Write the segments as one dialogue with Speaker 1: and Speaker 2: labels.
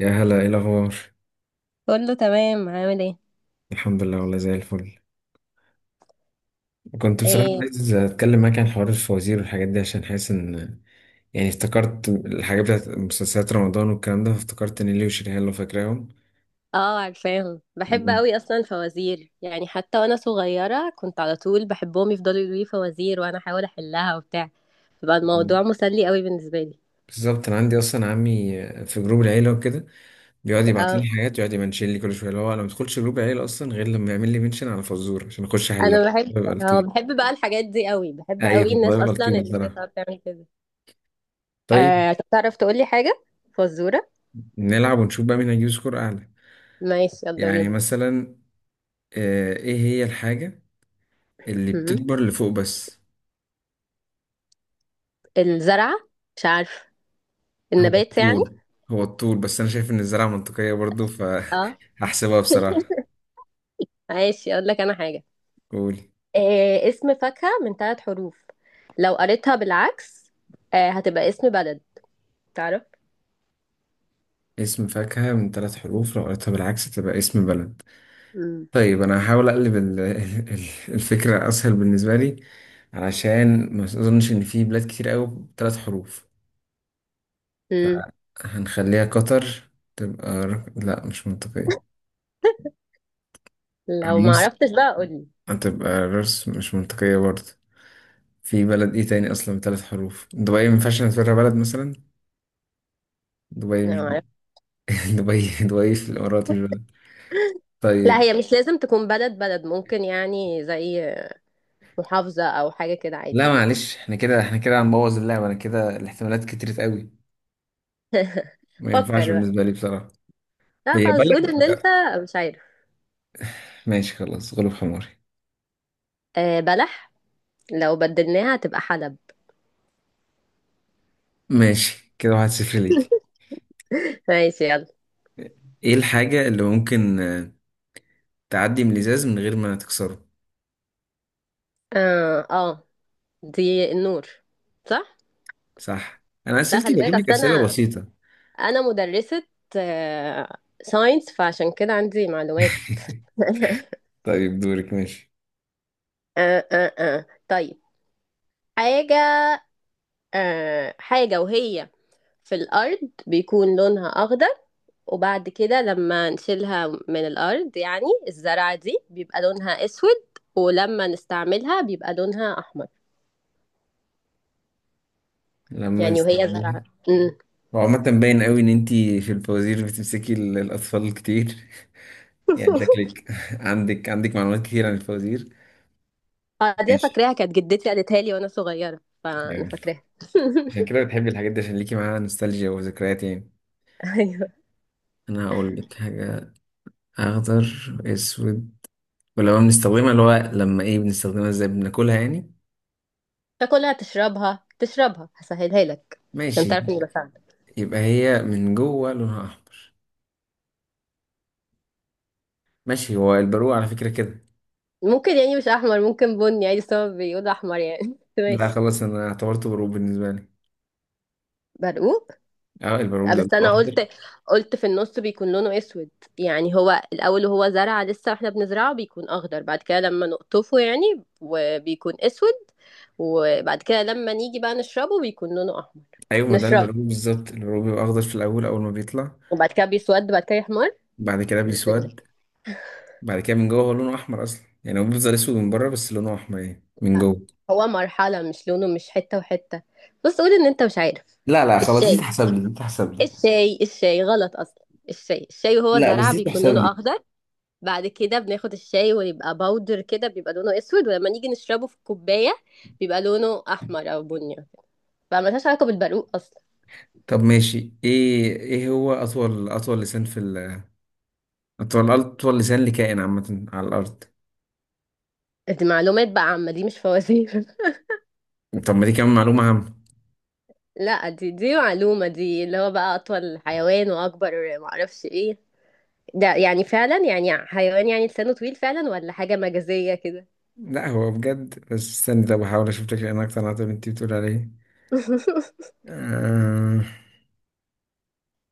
Speaker 1: يا هلا، ايه الاخبار؟
Speaker 2: بقول له تمام، عامل ايه؟
Speaker 1: الحمد لله والله زي الفل. كنت بصراحه الحمد لله
Speaker 2: ايه؟
Speaker 1: عايز اتكلم معاك عن حوار الفوازير والحاجات دي عشان حاسس ان يعني افتكرت الحاجات بتاعت مسلسلات رمضان والكلام ده، فافتكرت نيلي وشريهان لو فاكراهم.
Speaker 2: اه، عارفاهم، بحب
Speaker 1: مم.
Speaker 2: قوي اصلا فوازير، يعني حتى وانا صغيره كنت على طول بحبهم يفضلوا يقولوا لي فوازير وانا احاول احلها وبتاع. بقى الموضوع مسلي قوي بالنسبه لي.
Speaker 1: بالظبط، انا عندي اصلا عمي في جروب العيله وكده بيقعد يبعت
Speaker 2: اه
Speaker 1: لي حاجات، يقعد يمنشن لي كل شويه. اللي هو انا ما بدخلش جروب العيله اصلا غير لما يعمل لي منشن على فزوره عشان اخش احلها.
Speaker 2: انا بحب.
Speaker 1: بيبقى
Speaker 2: اه
Speaker 1: لطيف.
Speaker 2: بحب بقى الحاجات دي قوي، بحب
Speaker 1: ايوه
Speaker 2: قوي
Speaker 1: والله
Speaker 2: الناس
Speaker 1: بيبقى
Speaker 2: اصلا
Speaker 1: لطيف
Speaker 2: اللي هي
Speaker 1: بصراحه.
Speaker 2: بتعرف تعمل كده.
Speaker 1: طيب
Speaker 2: آه طب تعرف تقول لي حاجه، فزوره.
Speaker 1: نلعب ونشوف بقى مين هيجيب سكور اعلى.
Speaker 2: ماشي يلا
Speaker 1: يعني
Speaker 2: بينا.
Speaker 1: مثلا ايه هي الحاجة اللي
Speaker 2: م- م.
Speaker 1: بتكبر لفوق بس؟
Speaker 2: الزرعه. مش عارف.
Speaker 1: هو
Speaker 2: النبات يعني.
Speaker 1: الطول. هو الطول، بس انا شايف ان الزراعة منطقية برضو
Speaker 2: اه.
Speaker 1: فهحسبها بصراحة.
Speaker 2: ماشي اقول لك انا حاجه.
Speaker 1: قول.
Speaker 2: آه، اسم فاكهة من ثلاث حروف لو قريتها بالعكس، آه، هتبقى اسم بلد. تعرف؟
Speaker 1: اسم فاكهة من ثلاث حروف لو قريتها بالعكس تبقى اسم بلد.
Speaker 2: مم.
Speaker 1: طيب انا هحاول اقلب الفكرة اسهل بالنسبة لي، علشان ما اظنش ان في بلاد كتير قوي بثلاث حروف.
Speaker 2: مم.
Speaker 1: هنخليها قطر، تبقى لا مش منطقية.
Speaker 2: لو ما
Speaker 1: مصر
Speaker 2: عرفتش بقى قولي.
Speaker 1: هتبقى راس، مش منطقية برضه. في بلد ايه تاني اصلا بثلاث حروف؟ دبي ما ينفعش نعتبرها بلد مثلا. دبي
Speaker 2: لو
Speaker 1: مش
Speaker 2: ما
Speaker 1: ب-
Speaker 2: عرفت-
Speaker 1: دبي، دبي في الامارات مش بلد.
Speaker 2: لا،
Speaker 1: طيب
Speaker 2: هي مش لازم تكون بلد بلد، ممكن يعني زي محافظة أو حاجة كده
Speaker 1: لا
Speaker 2: عادي.
Speaker 1: معلش، احنا كده، احنا كده هنبوظ اللعبه. انا كده الاحتمالات كترت قوي، ما ينفعش
Speaker 2: فكر بقى.
Speaker 1: بالنسبه لي بصراحه.
Speaker 2: لا
Speaker 1: هي
Speaker 2: خلاص،
Speaker 1: بلد،
Speaker 2: قول إن أنت
Speaker 1: لا.
Speaker 2: مش عارف.
Speaker 1: ماشي خلاص غلب حماري.
Speaker 2: آه، بلح، لو بدلناها هتبقى حلب.
Speaker 1: ماشي، كده واحد صفر ليكي.
Speaker 2: ماشي يلا.
Speaker 1: ايه الحاجه اللي ممكن تعدي من الازاز من غير ما تكسره؟
Speaker 2: اه اه، دي النور، صح؟
Speaker 1: صح. انا
Speaker 2: لا
Speaker 1: اسئلتي
Speaker 2: خلي
Speaker 1: بجيب
Speaker 2: بالك، أصل
Speaker 1: لك اسئله
Speaker 2: أنا،
Speaker 1: بسيطه.
Speaker 2: أنا مدرسة آه ساينس، فعشان كده عندي معلومات.
Speaker 1: طيب دورك. ماشي.
Speaker 2: طيب، حاجة. آه، حاجة وهي في الأرض بيكون لونها أخضر، وبعد كده لما نشيلها من الأرض يعني الزرعة دي بيبقى لونها أسود، ولما نستعملها بيبقى لونها أحمر.
Speaker 1: لما
Speaker 2: يعني وهي
Speaker 1: نستعملها.
Speaker 2: زرعة. أمم.
Speaker 1: وعامة باين قوي ان انتي في الفوازير بتمسكي الاطفال كتير يعني شكلك عندك معلومات كتير عن الفوازير.
Speaker 2: آه، دي أنا
Speaker 1: ماشي.
Speaker 2: فاكراها كانت جدتي قالتها لي وأنا صغيرة، فأنا
Speaker 1: يعني
Speaker 2: فاكراها.
Speaker 1: عشان كده بتحبي الحاجات دي، عشان ليكي معاها نوستالجيا وذكريات يعني.
Speaker 2: أيوه.
Speaker 1: انا هقول لك حاجة: اخضر، اسود، ولو بنستخدمها، اللي هو لما ايه بنستخدمها ازاي، بناكلها يعني؟
Speaker 2: تاكلها تشربها، تشربها هسهلها لك، عشان
Speaker 1: ماشي.
Speaker 2: تعرف إني بساعدك.
Speaker 1: يبقى هي من جوه لونها احمر. ماشي، هو البرقوق على فكرة كده.
Speaker 2: ممكن يعني مش احمر، ممكن بني عادي، بس هو بيقول احمر يعني. بس
Speaker 1: لا
Speaker 2: ماشي.
Speaker 1: خلاص، انا اعتبرته برقوق بالنسبة لي.
Speaker 2: برقوق.
Speaker 1: اه البرقوق
Speaker 2: آه،
Speaker 1: ده لونه
Speaker 2: بس انا
Speaker 1: اخضر.
Speaker 2: قلت، قلت في النص بيكون لونه اسود، يعني هو الاول وهو زرعه لسه واحنا بنزرعه بيكون اخضر، بعد كده لما نقطفه يعني وبيكون اسود، وبعد كده لما نيجي بقى نشربه بيكون لونه احمر.
Speaker 1: ايوه ما ده
Speaker 2: نشربه
Speaker 1: البرغوث بالظبط. البرغوث بيبقى اخضر في الاول، اول ما بيطلع،
Speaker 2: وبعد كده بيسود بعد كده يحمر.
Speaker 1: بعد كده
Speaker 2: ازاي؟
Speaker 1: بيسود. بعد كده من جوه هو لونه احمر اصلا، يعني هو بيفضل اسود من بره بس لونه احمر يعني من
Speaker 2: لا،
Speaker 1: جوه.
Speaker 2: هو مرحله، مش لونه، مش حته وحته. بص قول ان انت مش عارف.
Speaker 1: لا خلاص، دي
Speaker 2: الشاي،
Speaker 1: تحسب لي دي تحسب لي
Speaker 2: الشاي. الشاي غلط اصلا. الشاي الشاي وهو
Speaker 1: لا بس
Speaker 2: زرع
Speaker 1: دي
Speaker 2: بيكون
Speaker 1: تحسب
Speaker 2: لونه
Speaker 1: لي.
Speaker 2: اخضر، بعد كده بناخد الشاي ويبقى باودر كده بيبقى لونه اسود، ولما نيجي نشربه في الكوبايه بيبقى لونه احمر او بني. فملهاش علاقه بالبرقوق اصلا.
Speaker 1: طب ماشي. ايه هو اطول لسان في اطول لسان لكائن عامة على الارض.
Speaker 2: دي معلومات بقى عامه، دي مش فوازير.
Speaker 1: طب ما دي كمان معلومة عامة.
Speaker 2: لا، دي معلومه، دي اللي هو بقى اطول حيوان واكبر معرفش ايه، ده يعني فعلا يعني حيوان يعني لسانه طويل فعلا، ولا حاجه مجازيه كده.
Speaker 1: لا هو بجد، بس استني. طب بحاول اشوف لك لان اكتر عن اللي انت بتقول عليه. آه...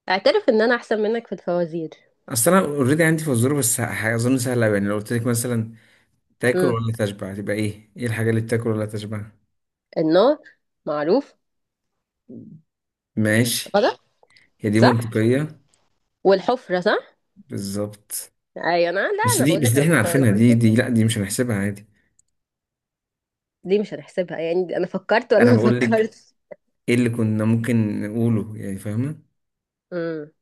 Speaker 2: اعترف ان انا احسن منك في الفوازير.
Speaker 1: اصل انا اوريدي عندي فزوره، بس اظن سهله أوي. يعني لو قلت لك مثلا تاكل
Speaker 2: امم،
Speaker 1: ولا تشبع، تبقى ايه؟ ايه الحاجة اللي بتاكل ولا تشبع؟
Speaker 2: النار، معروف.
Speaker 1: ماشي.
Speaker 2: غلط.
Speaker 1: هي دي
Speaker 2: صح،
Speaker 1: منطقية.
Speaker 2: والحفرة صح.
Speaker 1: بالظبط.
Speaker 2: ايوه انا، لا،
Speaker 1: بس
Speaker 2: انا
Speaker 1: دي
Speaker 2: بقول
Speaker 1: بس
Speaker 2: لك
Speaker 1: دي
Speaker 2: انا في
Speaker 1: احنا عارفينها، دي
Speaker 2: الفوازير.
Speaker 1: دي لا دي مش هنحسبها عادي.
Speaker 2: دي مش هنحسبها، يعني دي انا فكرت وانا
Speaker 1: انا
Speaker 2: ما
Speaker 1: بقول لك
Speaker 2: فكرتش.
Speaker 1: ايه اللي كنا ممكن نقوله يعني، فاهمة؟
Speaker 2: امم.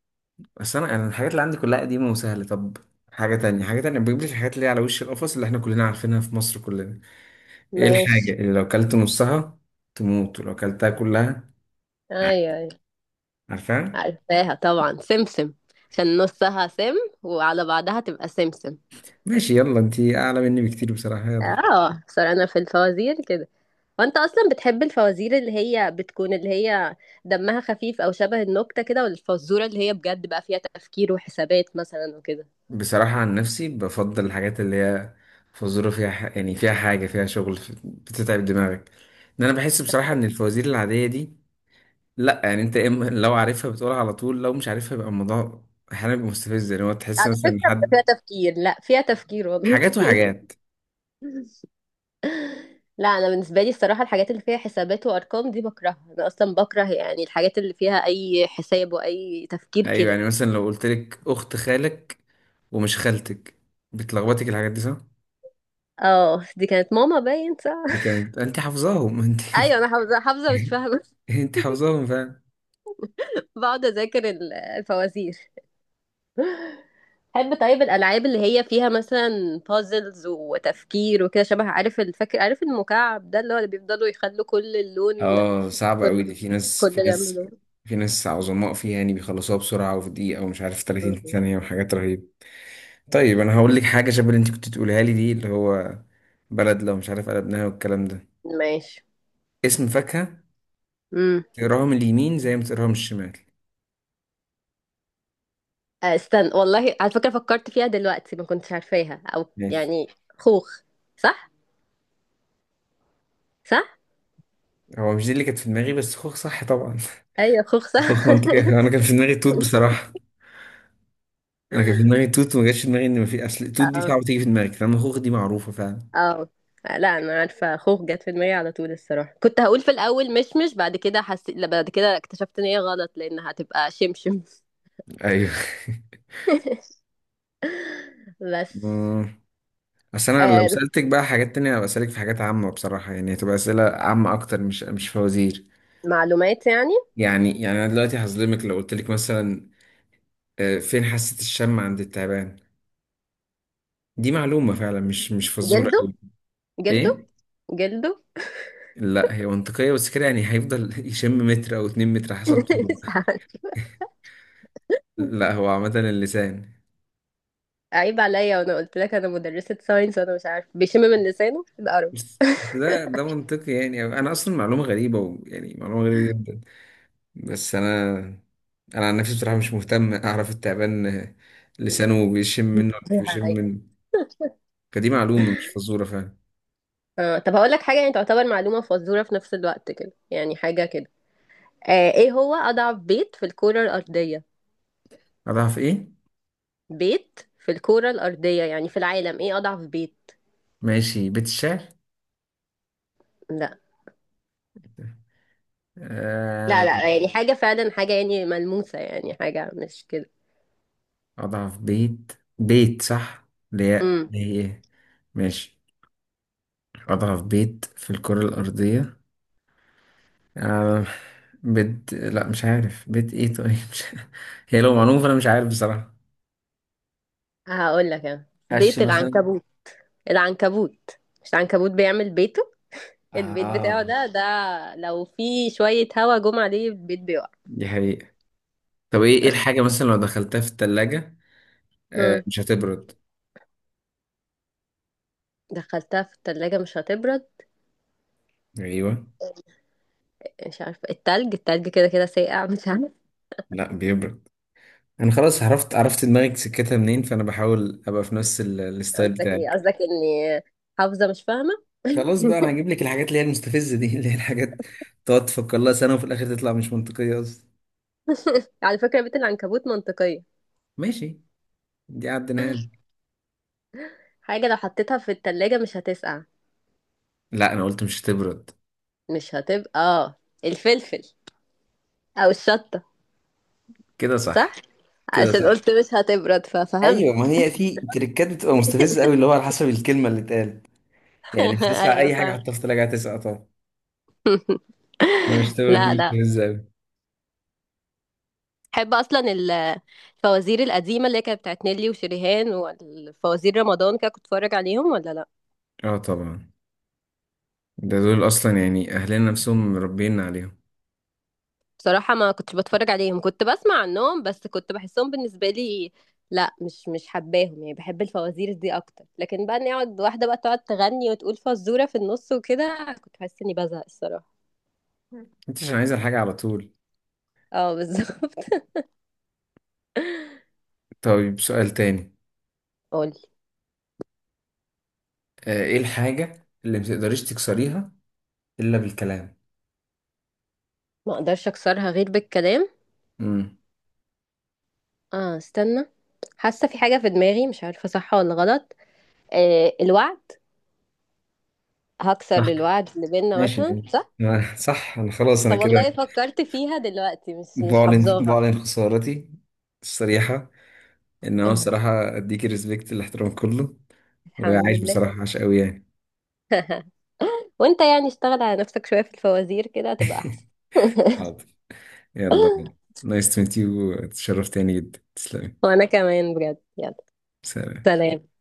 Speaker 1: بس انا الحاجات اللي عندي كلها قديمة وسهلة. طب حاجة تانية، حاجة تانية بجيب لك. الحاجات اللي هي على وش القفص اللي احنا كلنا عارفينها في مصر كلنا. ايه الحاجة
Speaker 2: ماشي.
Speaker 1: اللي لو كلت نصها تموت، ولو كلتها كلها
Speaker 2: ايوه
Speaker 1: عادي؟
Speaker 2: ايوه.
Speaker 1: عارفاها.
Speaker 2: عارفاها طبعا، سمسم، عشان نصها سم وعلى بعضها تبقى سمسم.
Speaker 1: ماشي يلا، انتي اعلى مني بكتير بصراحة. يلا
Speaker 2: اه صار انا في الفوازير كده. وانت اصلا بتحب الفوازير اللي هي بتكون اللي هي دمها خفيف او شبه النكتة كده، ولا الفزورة اللي هي بجد بقى فيها تفكير وحسابات مثلا وكده.
Speaker 1: بصراحة عن نفسي بفضل الحاجات اللي هي فزورة فيها يعني فيها حاجة فيها شغل، بتتعب دماغك. ان انا بحس بصراحة ان الفوازير العادية دي، لا يعني انت إما لو عارفها بتقولها على طول، لو مش عارفها يبقى الموضوع احيانا بيبقى مستفز يعني، هو تحس
Speaker 2: على
Speaker 1: مثلا
Speaker 2: فكرة بيبقى
Speaker 1: حد.
Speaker 2: فيها تفكير، لا فيها تفكير والله.
Speaker 1: حاجات وحاجات.
Speaker 2: لا، انا بالنسبه لي الصراحه الحاجات اللي فيها حسابات وارقام دي بكرهها، انا اصلا بكره يعني الحاجات اللي فيها اي حساب واي تفكير
Speaker 1: ايوه
Speaker 2: كده.
Speaker 1: يعني مثلا لو قلت لك اخت خالك ومش خالتك، بتلخبطك الحاجات دي صح؟
Speaker 2: اه دي كانت ماما، باين
Speaker 1: دي
Speaker 2: صح.
Speaker 1: كانت انت حافظاهم انت.
Speaker 2: ايوه انا حافظه، حافظه مش فاهمه.
Speaker 1: انت حافظاهم.
Speaker 2: بقعد اذاكر الفوازير. بحب طيب الالعاب اللي هي فيها مثلا بازلز وتفكير وكده، شبه عارف، الفاكر، عارف المكعب ده اللي هو اللي بيفضلوا يخلوا كل اللون،
Speaker 1: اه صعبة قوي
Speaker 2: كل
Speaker 1: دي. في ناس
Speaker 2: كل
Speaker 1: في
Speaker 2: جنب
Speaker 1: ناس
Speaker 2: لون.
Speaker 1: في ناس عظماء فيها يعني بيخلصوها بسرعة، وفي دقيقة ومش عارف 30
Speaker 2: مم.
Speaker 1: ثانية وحاجات رهيبة. طيب أنا هقول لك حاجة شبه اللي أنت كنت تقولها لي دي، اللي هو بلد لو مش عارف قلبناها والكلام ده.
Speaker 2: ماشي.
Speaker 1: اسم فاكهة تقراها من اليمين زي ما تقراها من الشمال.
Speaker 2: آه، استنى، والله على فكرة فكرت فيها دلوقتي، ما كنتش عارفاها او
Speaker 1: ماشي.
Speaker 2: يعني. خوخ. صح؟ صح.
Speaker 1: هو مش دي اللي كانت في دماغي، بس خوخ صح طبعا
Speaker 2: ايوه خوخ صح.
Speaker 1: خوخ منطقي، أنا كان في دماغي توت بصراحة. أنا كان في دماغي توت وما جاش في دماغي إن ما في أصل توت دي
Speaker 2: اه
Speaker 1: صعبة تيجي في دماغك، فاهم؟ خوخ دي معروفة فعلا.
Speaker 2: اه. لا، انا عارفة خوخ جت في دماغي على طول الصراحة، كنت هقول في الاول مشمش بعد كده حسيت لا، بعد كده اكتشفت ان هي غلط لانها هتبقى شمشم.
Speaker 1: أيوه.
Speaker 2: بس.
Speaker 1: بس انا لو
Speaker 2: آه.
Speaker 1: سألتك بقى حاجات تانية هبقى أسألك في حاجات عامة بصراحة، يعني هتبقى أسئلة عامة اكتر، مش فوازير.
Speaker 2: معلومات يعني.
Speaker 1: يعني، يعني انا دلوقتي هظلمك لو قلت لك مثلا فين حاسة الشم عند التعبان؟ دي معلومة فعلا، مش فزورة
Speaker 2: جلده.
Speaker 1: قوي.
Speaker 2: جلده.
Speaker 1: ايه؟
Speaker 2: جلده.
Speaker 1: لا هي منطقية بس كده يعني، هيفضل يشم متر او اتنين متر حسب طوله.
Speaker 2: مش عارف.
Speaker 1: لا هو عامة اللسان.
Speaker 2: عيب عليا وانا قلت لك انا مدرسة ساينس، وانا مش عارفة بيشم من لسانه الارض.
Speaker 1: بس ده منطقي يعني، انا اصلا معلومة غريبة ويعني معلومة غريبة جدا. بس انا، انا عن نفسي بصراحه مش مهتم اعرف التعبان لسانه بيشم منه ولا مش بيشم منه. فدي معلومه مش فزوره فعلا.
Speaker 2: آه، طب هقول لك حاجة يعني تعتبر معلومة فزورة في نفس الوقت كده، يعني حاجة كده. آه، ايه هو أضعف بيت في الكرة الأرضية؟
Speaker 1: اضعف ايه؟
Speaker 2: بيت في الكرة الأرضية يعني في العالم، ايه أضعف بيت؟
Speaker 1: ماشي، بيت الشعر.
Speaker 2: لا لا،
Speaker 1: آه،
Speaker 2: لا يعني حاجة فعلا، حاجة يعني ملموسة، يعني حاجة مش كده.
Speaker 1: اضعف بيت. بيت صح، ليه
Speaker 2: امم.
Speaker 1: ليه ماشي، اضعف بيت في الكره الارضيه. آه، بيت، لا مش عارف بيت ايه، طيب مش... هي لو معلومه فانا مش عارف بصراحه.
Speaker 2: هقول لك انا،
Speaker 1: قش
Speaker 2: بيت
Speaker 1: مثلا.
Speaker 2: العنكبوت. العنكبوت، مش العنكبوت بيعمل بيته، البيت بتاعه
Speaker 1: اه
Speaker 2: ده، ده لو في شوية هوا جم عليه البيت بيقع.
Speaker 1: دي حقيقة. طب ايه الحاجة مثلا لو دخلتها في التلاجة آه
Speaker 2: امم.
Speaker 1: مش هتبرد؟
Speaker 2: دخلتها في التلاجة مش هتبرد.
Speaker 1: ايوه.
Speaker 2: مش عارفة، التلج، التلج كده كده ساقع، مش عارفة.
Speaker 1: لا بيبرد. انا خلاص عرفت، عرفت دماغك سكتها منين، فانا بحاول ابقى في نفس الستايل
Speaker 2: قصدك ايه؟
Speaker 1: بتاعك.
Speaker 2: قصدك اني حافظة مش فاهمة.
Speaker 1: خلاص بقى انا هجيب لك الحاجات اللي هي المستفزة دي اللي هي الحاجات تقعد تفكر لها سنة وفي الاخر تطلع مش منطقية اصلا.
Speaker 2: على فكرة بيت العنكبوت منطقية.
Speaker 1: ماشي دي عدناها لك.
Speaker 2: حاجة لو حطيتها في التلاجة مش هتسقع،
Speaker 1: لا انا قلت مش هتبرد.
Speaker 2: مش هتبقى، اه الفلفل او الشطة.
Speaker 1: كده
Speaker 2: صح.
Speaker 1: صح. كده
Speaker 2: عشان
Speaker 1: صح.
Speaker 2: قلت مش هتبرد ففهمت.
Speaker 1: ايوه ما هي في تريكات بتبقى مستفزه قوي، اللي هو على حسب الكلمه اللي اتقالت. يعني مش تسقع،
Speaker 2: ايوه
Speaker 1: اي حاجة
Speaker 2: فاهم.
Speaker 1: حطها في التلاجة هتسقع طبعا. لا مش هتبرد، دي
Speaker 2: لا لا.
Speaker 1: مستفزة اوي.
Speaker 2: بحب اصلا الفوازير القديمه اللي هي كانت بتاعت نيلي وشريهان والفوازير رمضان كده، كنت اتفرج عليهم ولا لا.
Speaker 1: اه طبعا، ده دول اصلا يعني اهلنا نفسهم مربينا عليهم.
Speaker 2: بصراحة ما كنتش بتفرج عليهم، كنت بسمع عنهم بس، كنت بحسهم بالنسبة لي، لا مش حباهم، يعني بحب الفوازير دي اكتر، لكن بقى اني اقعد واحدة بقى تقعد تغني وتقول فزورة في النص وكده، كنت بحس اني بزهق الصراحة.
Speaker 1: انت عشان عايزه الحاجه على طول.
Speaker 2: اه بالظبط.
Speaker 1: طيب سؤال تاني.
Speaker 2: قولي.
Speaker 1: ايه الحاجه اللي متقدريش تكسريها الا بالكلام؟
Speaker 2: ما اقدرش اكسرها غير بالكلام.
Speaker 1: امم،
Speaker 2: اه استنى، حاسة في حاجة في دماغي مش عارفة صح ولا غلط. آه، الوعد. هكسر
Speaker 1: صح.
Speaker 2: الوعد اللي بينا
Speaker 1: ماشي
Speaker 2: مثلا،
Speaker 1: ماشي،
Speaker 2: صح؟
Speaker 1: صح، انا خلاص انا
Speaker 2: طب
Speaker 1: كده
Speaker 2: والله فكرت فيها دلوقتي، مش
Speaker 1: بعلن،
Speaker 2: حافظاها.
Speaker 1: بعلن خسارتي الصريحه. ان انا بصراحه اديكي ريسبكت، الاحترام كله،
Speaker 2: الحمد
Speaker 1: وعايش
Speaker 2: لله.
Speaker 1: بصراحه، عاش قوي يعني.
Speaker 2: وانت يعني اشتغل على نفسك شوية في الفوازير كده هتبقى احسن.
Speaker 1: حاضر. يلا نايس تو ميت يو، اتشرفت تاني جدا، تسلمي.
Speaker 2: وانا كمان بجد، يلا
Speaker 1: سلام.
Speaker 2: سلام.